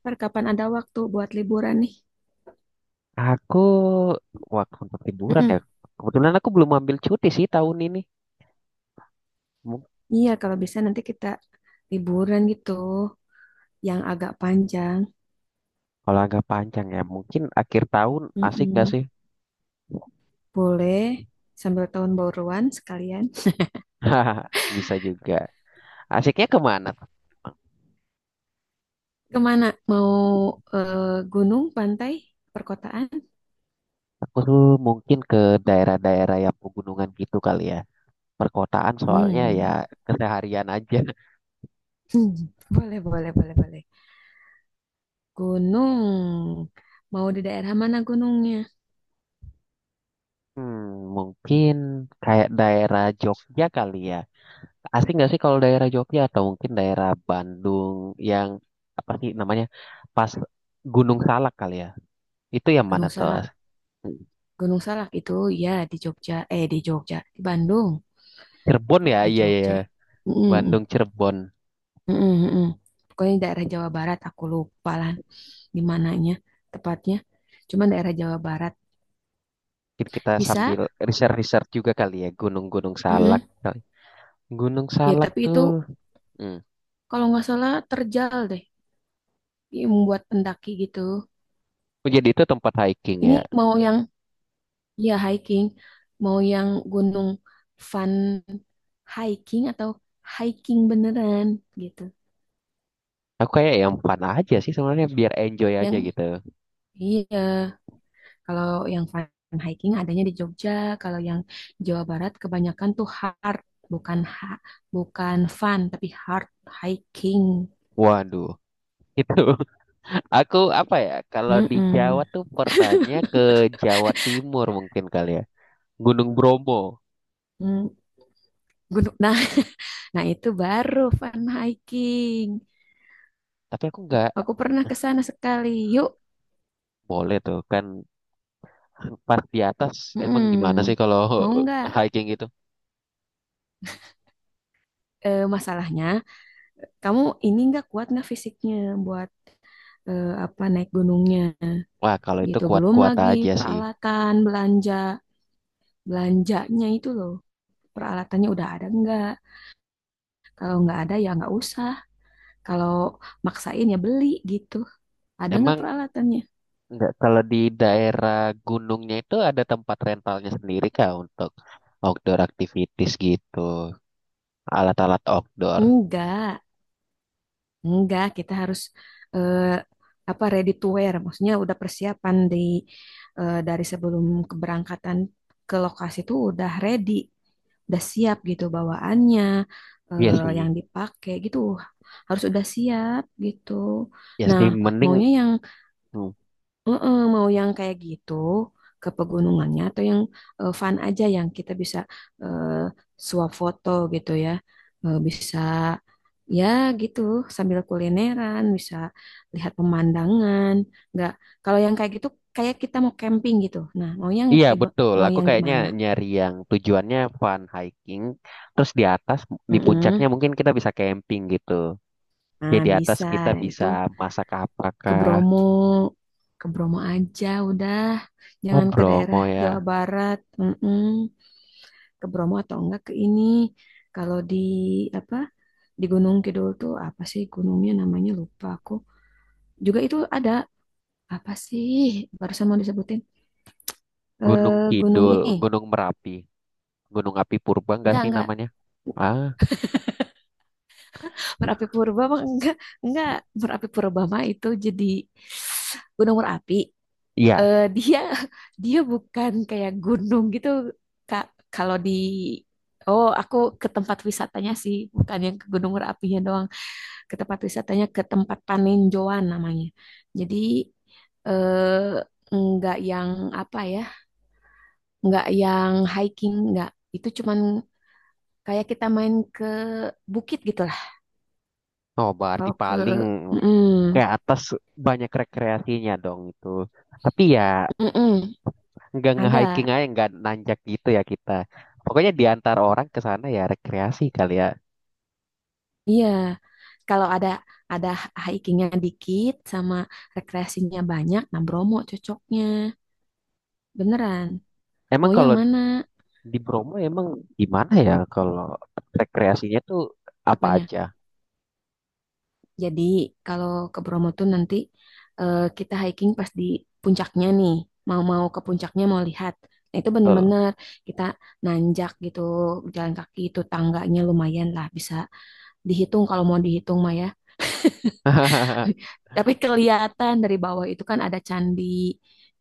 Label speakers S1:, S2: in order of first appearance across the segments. S1: Ntar kapan ada waktu buat liburan nih?
S2: Aku waktu untuk liburan ya.
S1: Mm-mm.
S2: Kebetulan aku belum ambil cuti sih tahun ini. Mung-
S1: Iya, kalau bisa nanti kita liburan gitu, yang agak panjang.
S2: kalau agak panjang ya, mungkin akhir tahun asik gak
S1: Mm-mm.
S2: sih?
S1: Boleh, sambil tahun baruan sekalian.
S2: Hahaha, bisa juga. Asiknya kemana?
S1: Kemana? Mau eh, gunung, pantai, perkotaan?
S2: Aku tuh mungkin ke daerah-daerah yang pegunungan gitu kali ya. Perkotaan soalnya ya
S1: Hmm.
S2: keseharian aja.
S1: Hmm. Boleh, boleh, boleh, boleh. Gunung. Mau di daerah mana gunungnya?
S2: Hmm, mungkin kayak daerah Jogja kali ya. Asik nggak sih kalau daerah Jogja atau mungkin daerah Bandung yang apa sih namanya? Pas Gunung Salak kali ya. Itu yang mana
S1: Gunung
S2: tuh?
S1: Salak. Gunung Salak itu ya di Jogja. Eh, di Jogja. Di Bandung.
S2: Cirebon
S1: Kok
S2: ya?
S1: di
S2: Iya, iya, iya.
S1: Jogja? Mm-mm.
S2: Bandung, Cirebon.
S1: Mm-mm, mm-mm. Pokoknya daerah Jawa Barat, aku lupa lah di mananya tepatnya. Cuman daerah Jawa Barat
S2: Mungkin kita sambil
S1: bisa.
S2: research-research juga kali ya. Gunung-gunung Salak.
S1: Mm-mm.
S2: Gunung
S1: Ya,
S2: Salak
S1: tapi itu
S2: tuh. Hmm.
S1: kalau nggak salah terjal deh, dia membuat pendaki gitu.
S2: Oh, jadi itu tempat hiking
S1: Ini
S2: ya.
S1: mau yang ya hiking, mau yang gunung fun hiking atau hiking beneran gitu.
S2: Aku kayak yang fun aja sih sebenarnya biar enjoy aja
S1: Yang
S2: gitu.
S1: iya, kalau yang fun hiking adanya di Jogja, kalau yang Jawa Barat kebanyakan tuh hard, bukan ha, bukan fun tapi hard hiking.
S2: Waduh. Itu aku apa ya? Kalau di Jawa
S1: Mm-mm.
S2: tuh pernahnya ke Jawa Timur mungkin kali ya. Gunung Bromo.
S1: Mm, gunung. Nah, nah itu baru fun hiking.
S2: Tapi aku nggak
S1: Aku pernah ke sana sekali. Yuk,
S2: boleh tuh kan pas di atas emang gimana sih
S1: mm-mm.
S2: kalau
S1: Mau nggak?
S2: hiking gitu?
S1: Masalahnya, kamu ini nggak kuat nggak fisiknya buat apa naik gunungnya
S2: Wah, kalau itu
S1: gitu. Belum
S2: kuat-kuat
S1: lagi
S2: aja sih.
S1: peralatan belanjanya itu loh. Peralatannya udah ada nggak, kalau nggak ada ya nggak usah, kalau maksain ya beli gitu. Ada nggak
S2: Emang
S1: peralatannya?
S2: nggak kalau di daerah gunungnya itu ada tempat rentalnya sendiri kah untuk outdoor activities gitu, alat-alat outdoor.
S1: enggak enggak, kita harus eh, apa, ready to wear, maksudnya udah persiapan di dari sebelum keberangkatan ke lokasi itu udah ready, udah siap gitu bawaannya,
S2: Iya
S1: yang
S2: sih,
S1: dipakai gitu, harus udah siap gitu.
S2: ya
S1: Nah
S2: sih mending
S1: maunya yang
S2: hmm.
S1: heeh, mau yang kayak gitu ke pegunungannya atau yang fun aja yang kita bisa eh, suap foto gitu ya. Bisa ya gitu, sambil kulineran, bisa lihat pemandangan. Nggak, kalau yang kayak gitu kayak kita mau camping gitu. Nah, mau yang
S2: Iya betul,
S1: mau
S2: aku
S1: yang
S2: kayaknya
S1: gimana?
S2: nyari yang tujuannya fun hiking, terus di atas di
S1: Heeh.
S2: puncaknya mungkin kita bisa camping gitu. Jadi
S1: Nah,
S2: di atas
S1: bisa.
S2: kita
S1: Nah,
S2: bisa
S1: itu
S2: masak
S1: ke
S2: apakah?
S1: Bromo. Ke Bromo aja udah.
S2: Oh
S1: Jangan ke daerah
S2: Bromo
S1: Jawa
S2: ya,
S1: Barat. Heeh. Ke Bromo atau enggak ke ini. Kalau di apa di Gunung Kidul tuh apa sih gunungnya namanya lupa aku. Juga itu ada apa sih barusan mau disebutin
S2: Gunung
S1: gunung
S2: Kidul,
S1: ini.
S2: Gunung Merapi. Gunung Api Purba enggak
S1: Enggak,
S2: sih
S1: enggak.
S2: namanya? Ah,
S1: Merapi Purba mah enggak, enggak. Merapi Purba mah itu jadi gunung berapi.
S2: iya.
S1: Eh dia dia bukan kayak gunung gitu. Kak, kalau di, oh, aku ke tempat wisatanya sih, bukan yang ke Gunung Merapinya doang. Ke tempat wisatanya, ke tempat paninjauan namanya. Jadi nggak yang apa ya, nggak yang hiking, nggak. Itu cuman kayak kita main ke bukit gitu lah.
S2: Oh, berarti
S1: Kalau ke,
S2: paling ke
S1: mm,
S2: atas banyak rekreasinya dong itu. Tapi ya
S1: mm,
S2: nggak nge-hiking
S1: ada,
S2: aja, nggak nanjak gitu ya kita. Pokoknya di antara orang ke sana ya rekreasi kali ya.
S1: iya. Kalau ada hikingnya dikit sama rekreasinya banyak, nah Bromo cocoknya. Beneran.
S2: Emang
S1: Mau yang
S2: kalau
S1: mana?
S2: di Bromo emang gimana ya kalau rekreasinya tuh apa
S1: Apanya?
S2: aja?
S1: Jadi kalau ke Bromo tuh nanti kita hiking pas di puncaknya nih. Mau-mau ke puncaknya, mau lihat. Nah, itu
S2: Betul.
S1: bener-bener kita nanjak gitu, jalan kaki itu tangganya lumayan lah, bisa dihitung kalau mau dihitung mah ya. Tapi kelihatan dari bawah itu kan ada candi,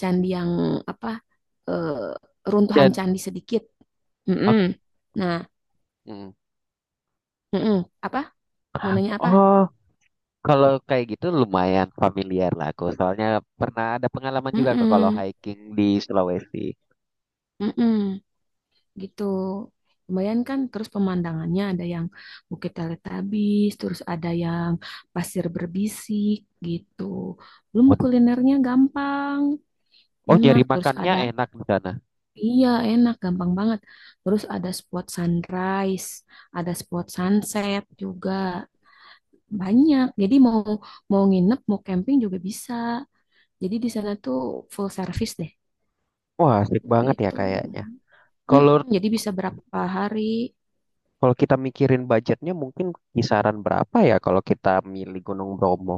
S1: candi yang apa, eh, runtuhan
S2: Dan
S1: candi sedikit. Mm-mm.
S2: aku,
S1: Nah,
S2: hmm.
S1: mm-mm. Apa? Mau nanya apa?
S2: oh Kalau kayak gitu lumayan familiar lah aku. Soalnya pernah ada pengalaman juga ke kalau
S1: Mm-mm.
S2: hiking di Sulawesi.
S1: Mm-mm. Gitu. Lumayan kan, terus pemandangannya ada yang Bukit Teletabis, terus ada yang pasir berbisik gitu. Belum
S2: Waduh.
S1: kulinernya gampang,
S2: Oh,
S1: enak.
S2: nyari
S1: Terus
S2: makannya
S1: ada
S2: enak di sana.
S1: iya enak, gampang banget. Terus ada spot sunrise, ada spot sunset juga banyak. Jadi mau mau nginep, mau camping juga bisa. Jadi di sana tuh full service deh
S2: Wah, asik banget ya
S1: gitu.
S2: kayaknya. Kalau
S1: Jadi bisa berapa hari?
S2: kalau kita mikirin budgetnya mungkin kisaran berapa ya kalau kita milih Gunung Bromo?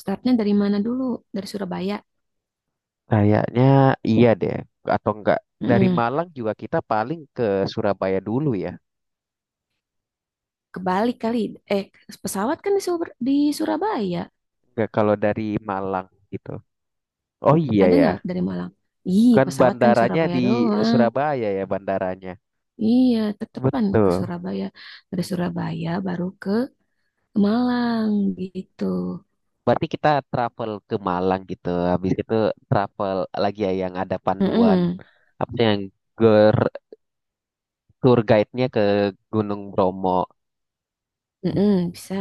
S1: Startnya dari mana dulu? Dari Surabaya.
S2: Kayaknya iya deh. Atau enggak dari
S1: Hmm,
S2: Malang juga kita paling ke Surabaya dulu ya.
S1: Kebalik kali. Eh, Pesawat kan di Surabaya.
S2: Enggak kalau dari Malang gitu. Oh iya
S1: Ada
S2: ya.
S1: nggak dari Malang? Ih,
S2: Kan
S1: pesawat kan
S2: bandaranya
S1: Surabaya
S2: di
S1: doang.
S2: Surabaya ya bandaranya.
S1: Iya, tetepan ke
S2: Betul.
S1: Surabaya. Dari Surabaya baru ke Malang gitu.
S2: Berarti kita travel ke Malang gitu. Habis itu travel lagi ya yang ada panduan
S1: Mm-mm,
S2: apa sih yang ger- tour guide-nya ke Gunung Bromo.
S1: mm-mm, bisa.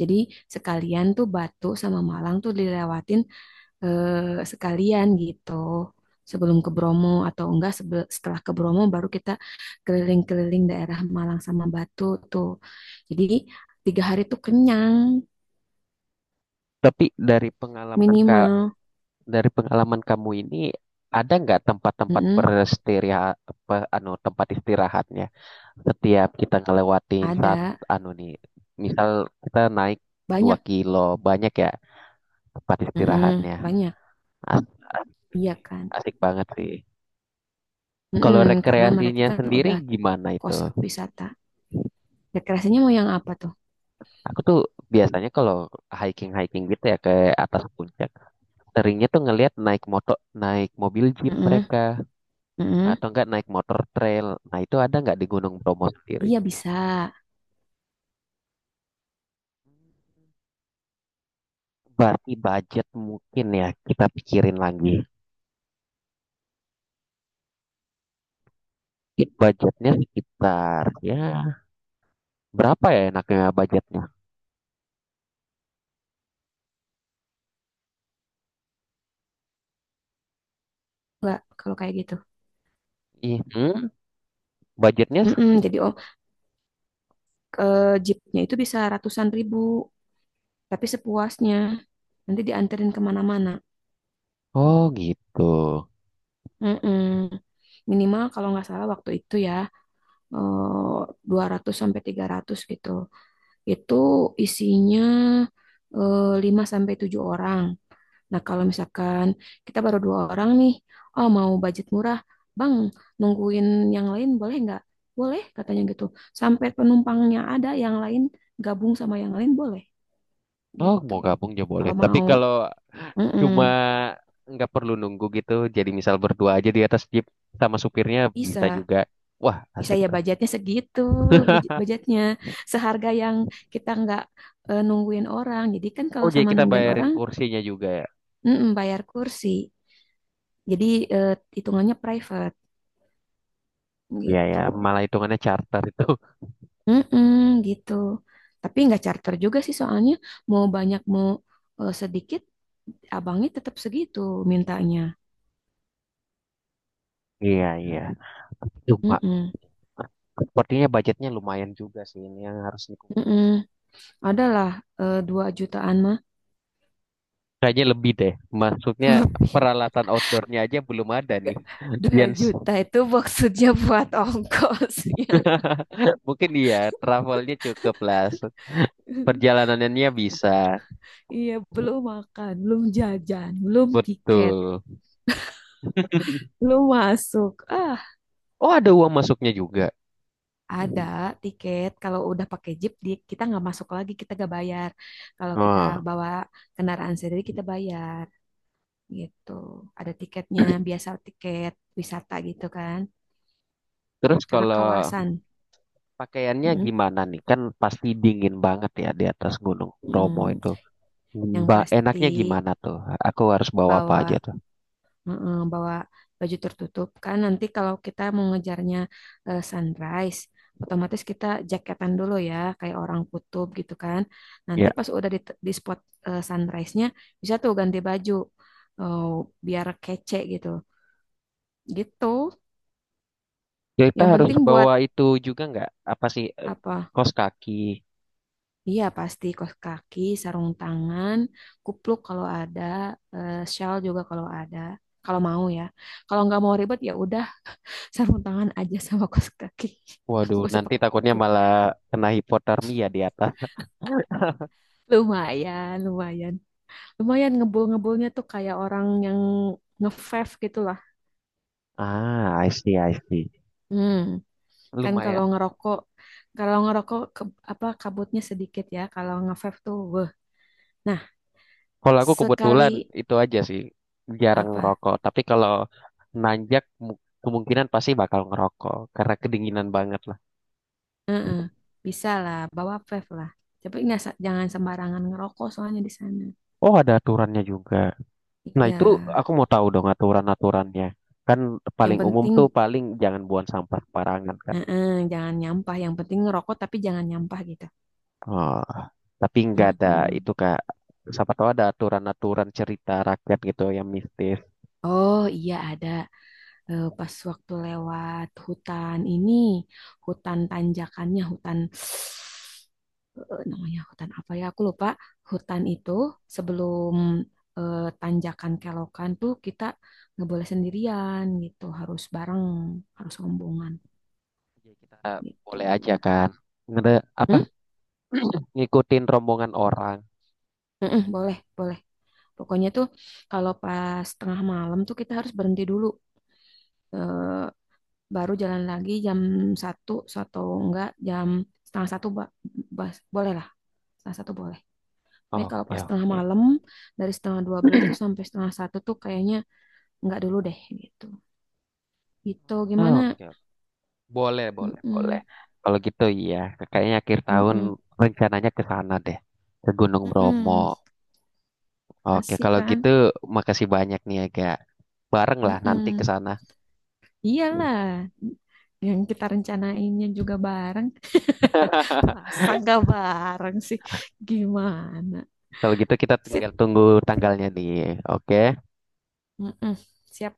S1: Jadi sekalian tuh Batu sama Malang tuh dilewatin eh, sekalian gitu sebelum ke Bromo atau enggak setelah ke Bromo baru kita keliling-keliling daerah Malang sama Batu tuh, jadi 3 hari tuh kenyang
S2: Tapi dari pengalaman ka,
S1: minimal.
S2: dari pengalaman kamu ini ada nggak tempat-tempat
S1: Mm-mm,
S2: beristirahat apa anu tempat istirahatnya setiap kita ngelewatin saat
S1: ada
S2: anu nih misal kita naik 2
S1: banyak.
S2: kilo banyak ya tempat
S1: Mm-mm,
S2: istirahatnya
S1: banyak.
S2: asik,
S1: Iya kan.
S2: asik banget sih. Kalau
S1: Mm-mm, karena mereka
S2: rekreasinya
S1: kan
S2: sendiri
S1: udah
S2: gimana itu?
S1: kos wisata, rekreasinya mau yang apa tuh.
S2: Aku tuh biasanya kalau hiking-hiking gitu ya ke atas puncak, seringnya tuh ngelihat naik motor, naik mobil jeep
S1: Mm-mm,
S2: mereka
S1: mm-mm.
S2: atau enggak naik motor trail. Nah, itu ada nggak di Gunung Bromo sendiri?
S1: Iya bisa
S2: Berarti budget mungkin ya kita pikirin lagi. Mungkin budgetnya sekitar ya berapa ya enaknya budgetnya?
S1: enggak kalau kayak gitu.
S2: Ih, hmm, budgetnya s-
S1: Mm-mm, jadi om ke jeepnya itu bisa ratusan ribu, tapi sepuasnya nanti dianterin kemana-mana.
S2: oh gitu.
S1: Mm-mm. Minimal kalau nggak salah waktu itu ya, eh, 200 sampai 300 gitu, itu isinya 5 sampai tujuh orang. Nah kalau misalkan kita baru dua orang nih, oh mau budget murah bang, nungguin yang lain boleh nggak, boleh katanya gitu, sampai penumpangnya ada yang lain, gabung sama yang lain boleh
S2: Oh,
S1: gitu
S2: mau gabung ya boleh.
S1: kalau
S2: Tapi
S1: mau.
S2: kalau
S1: Mm-mm,
S2: cuma nggak perlu nunggu gitu jadi misal berdua aja di atas jeep sama supirnya bisa
S1: bisa,
S2: juga, wah
S1: bisa
S2: asik
S1: ya
S2: tuh.
S1: budgetnya segitu. Budgetnya seharga yang kita nggak nungguin orang. Jadi kan
S2: Oh
S1: kalau
S2: jadi
S1: sama
S2: kita
S1: nungguin
S2: bayarin
S1: orang,
S2: kursinya juga ya,
S1: mm-mm, bayar kursi. Jadi eh, hitungannya private
S2: iya
S1: gitu.
S2: ya, malah hitungannya charter itu.
S1: Mm-mm, gitu tapi nggak charter juga sih, soalnya mau banyak mau sedikit, abangnya tetap segitu mintanya.
S2: Iya iya, cuma
S1: Mm-mm,
S2: sepertinya budgetnya lumayan juga sih ini yang harus dikumpulkan.
S1: mm-mm. Adalah 2 jutaan mah.
S2: Kayaknya lebih deh, maksudnya
S1: Lebih.
S2: peralatan outdoornya aja belum ada nih.
S1: dua
S2: Jens
S1: juta itu maksudnya buat ongkosnya.
S2: mungkin iya travelnya cukup lah, perjalanannya bisa,
S1: Iya, belum makan, belum jajan, belum tiket,
S2: betul.
S1: belum masuk. Ah,
S2: Oh ada uang masuknya juga.
S1: ada tiket. Kalau udah pakai jeep, kita nggak masuk lagi, kita nggak bayar. Kalau kita
S2: Wah.
S1: bawa kendaraan sendiri, kita bayar. Gitu. Ada tiketnya, biasa tiket wisata gitu kan.
S2: Terus
S1: Karena
S2: kalau
S1: kawasan.
S2: pakaiannya
S1: Mm,
S2: gimana nih? Kan pasti dingin banget ya di atas Gunung Bromo
S1: mm.
S2: itu.
S1: Yang
S2: Ba-
S1: pasti
S2: enaknya gimana tuh? Aku harus bawa apa aja
S1: bawa.
S2: tuh?
S1: Heeh, bawa baju tertutup kan, nanti kalau kita mau ngejarnya sunrise otomatis kita jaketan dulu ya, kayak orang kutub gitu kan. Nanti
S2: Ya,
S1: pas udah di spot sunrise-nya, bisa tuh ganti baju eh, biar kece gitu, gitu
S2: kita
S1: yang
S2: harus
S1: penting buat
S2: bawa itu juga nggak? Apa sih?
S1: apa.
S2: Kaos kaki.
S1: Iya, pasti kaos kaki, sarung tangan, kupluk kalau ada, shawl juga kalau ada, kalau mau ya. Kalau nggak mau ribet ya udah, sarung tangan aja sama kaos kaki.
S2: Waduh,
S1: Gak usah
S2: nanti
S1: pakai
S2: takutnya
S1: kupluk.
S2: malah kena hipotermia di atas.
S1: Lumayan, lumayan, lumayan ngebul, ngebulnya tuh kayak orang yang ngefave gitu lah.
S2: Ah, I see, I see.
S1: Hmm. Kan kalau
S2: Lumayan.
S1: ngerokok kalau ngerokok apa kabutnya sedikit ya. Kalau ngefave tuh wah. Nah
S2: Kalau aku kebetulan
S1: sekali
S2: itu aja sih, jarang
S1: apa,
S2: ngerokok. Tapi kalau nanjak mu- kemungkinan pasti bakal ngerokok karena kedinginan banget.
S1: eh-eh, bisa lah bawa vape lah. Tapi nggak, jangan sembarangan ngerokok soalnya di sana.
S2: Oh, ada aturannya juga. Nah,
S1: Iya
S2: itu aku mau tahu dong aturan-aturannya. Kan
S1: yang
S2: paling umum tuh
S1: penting,
S2: paling jangan buang sampah sembarangan kan.
S1: eh-eh, jangan nyampah. Yang penting ngerokok tapi jangan nyampah gitu.
S2: Oh, tapi nggak ada
S1: Eh-eh.
S2: itu Kak. Siapa tahu ada aturan-aturan cerita rakyat gitu yang mistis.
S1: Oh iya ada. Pas waktu lewat hutan ini, hutan tanjakannya, hutan namanya hutan apa ya aku lupa, hutan itu sebelum tanjakan kelokan tuh kita nggak boleh sendirian gitu, harus bareng, harus rombongan
S2: Jadi kita
S1: gitu.
S2: boleh aja kan. Ngede, apa
S1: Hmm?
S2: ngikutin rombongan orang.
S1: Mm-mm, boleh, boleh, pokoknya tuh kalau pas tengah malam tuh kita harus berhenti dulu. Eh, Baru jalan lagi jam satu atau enggak jam setengah satu, boleh lah, setengah satu boleh. Pokoknya kalau
S2: Oke,
S1: pas tengah
S2: oke.
S1: malam dari setengah dua belas tuh sampai setengah satu tuh, kayaknya enggak dulu deh gitu, gitu
S2: Oh,
S1: gimana.
S2: oke, oke. Boleh, boleh, boleh.
S1: Mm-mm,
S2: Kalau gitu iya, kayaknya akhir tahun
S1: mm-mm,
S2: rencananya ke sana deh, ke Gunung Bromo.
S1: mm-mm.
S2: Oke,
S1: Asik
S2: kalau
S1: kan.
S2: gitu makasih banyak nih agak bareng lah nanti ke
S1: Mm-mm.
S2: sana.
S1: Iyalah, yang kita rencanainnya juga bareng, masa nggak bareng sih, gimana.
S2: Kalau gitu kita
S1: Sip.
S2: tinggal tunggu tanggalnya nih. Oke.
S1: Mm-mm. Siap.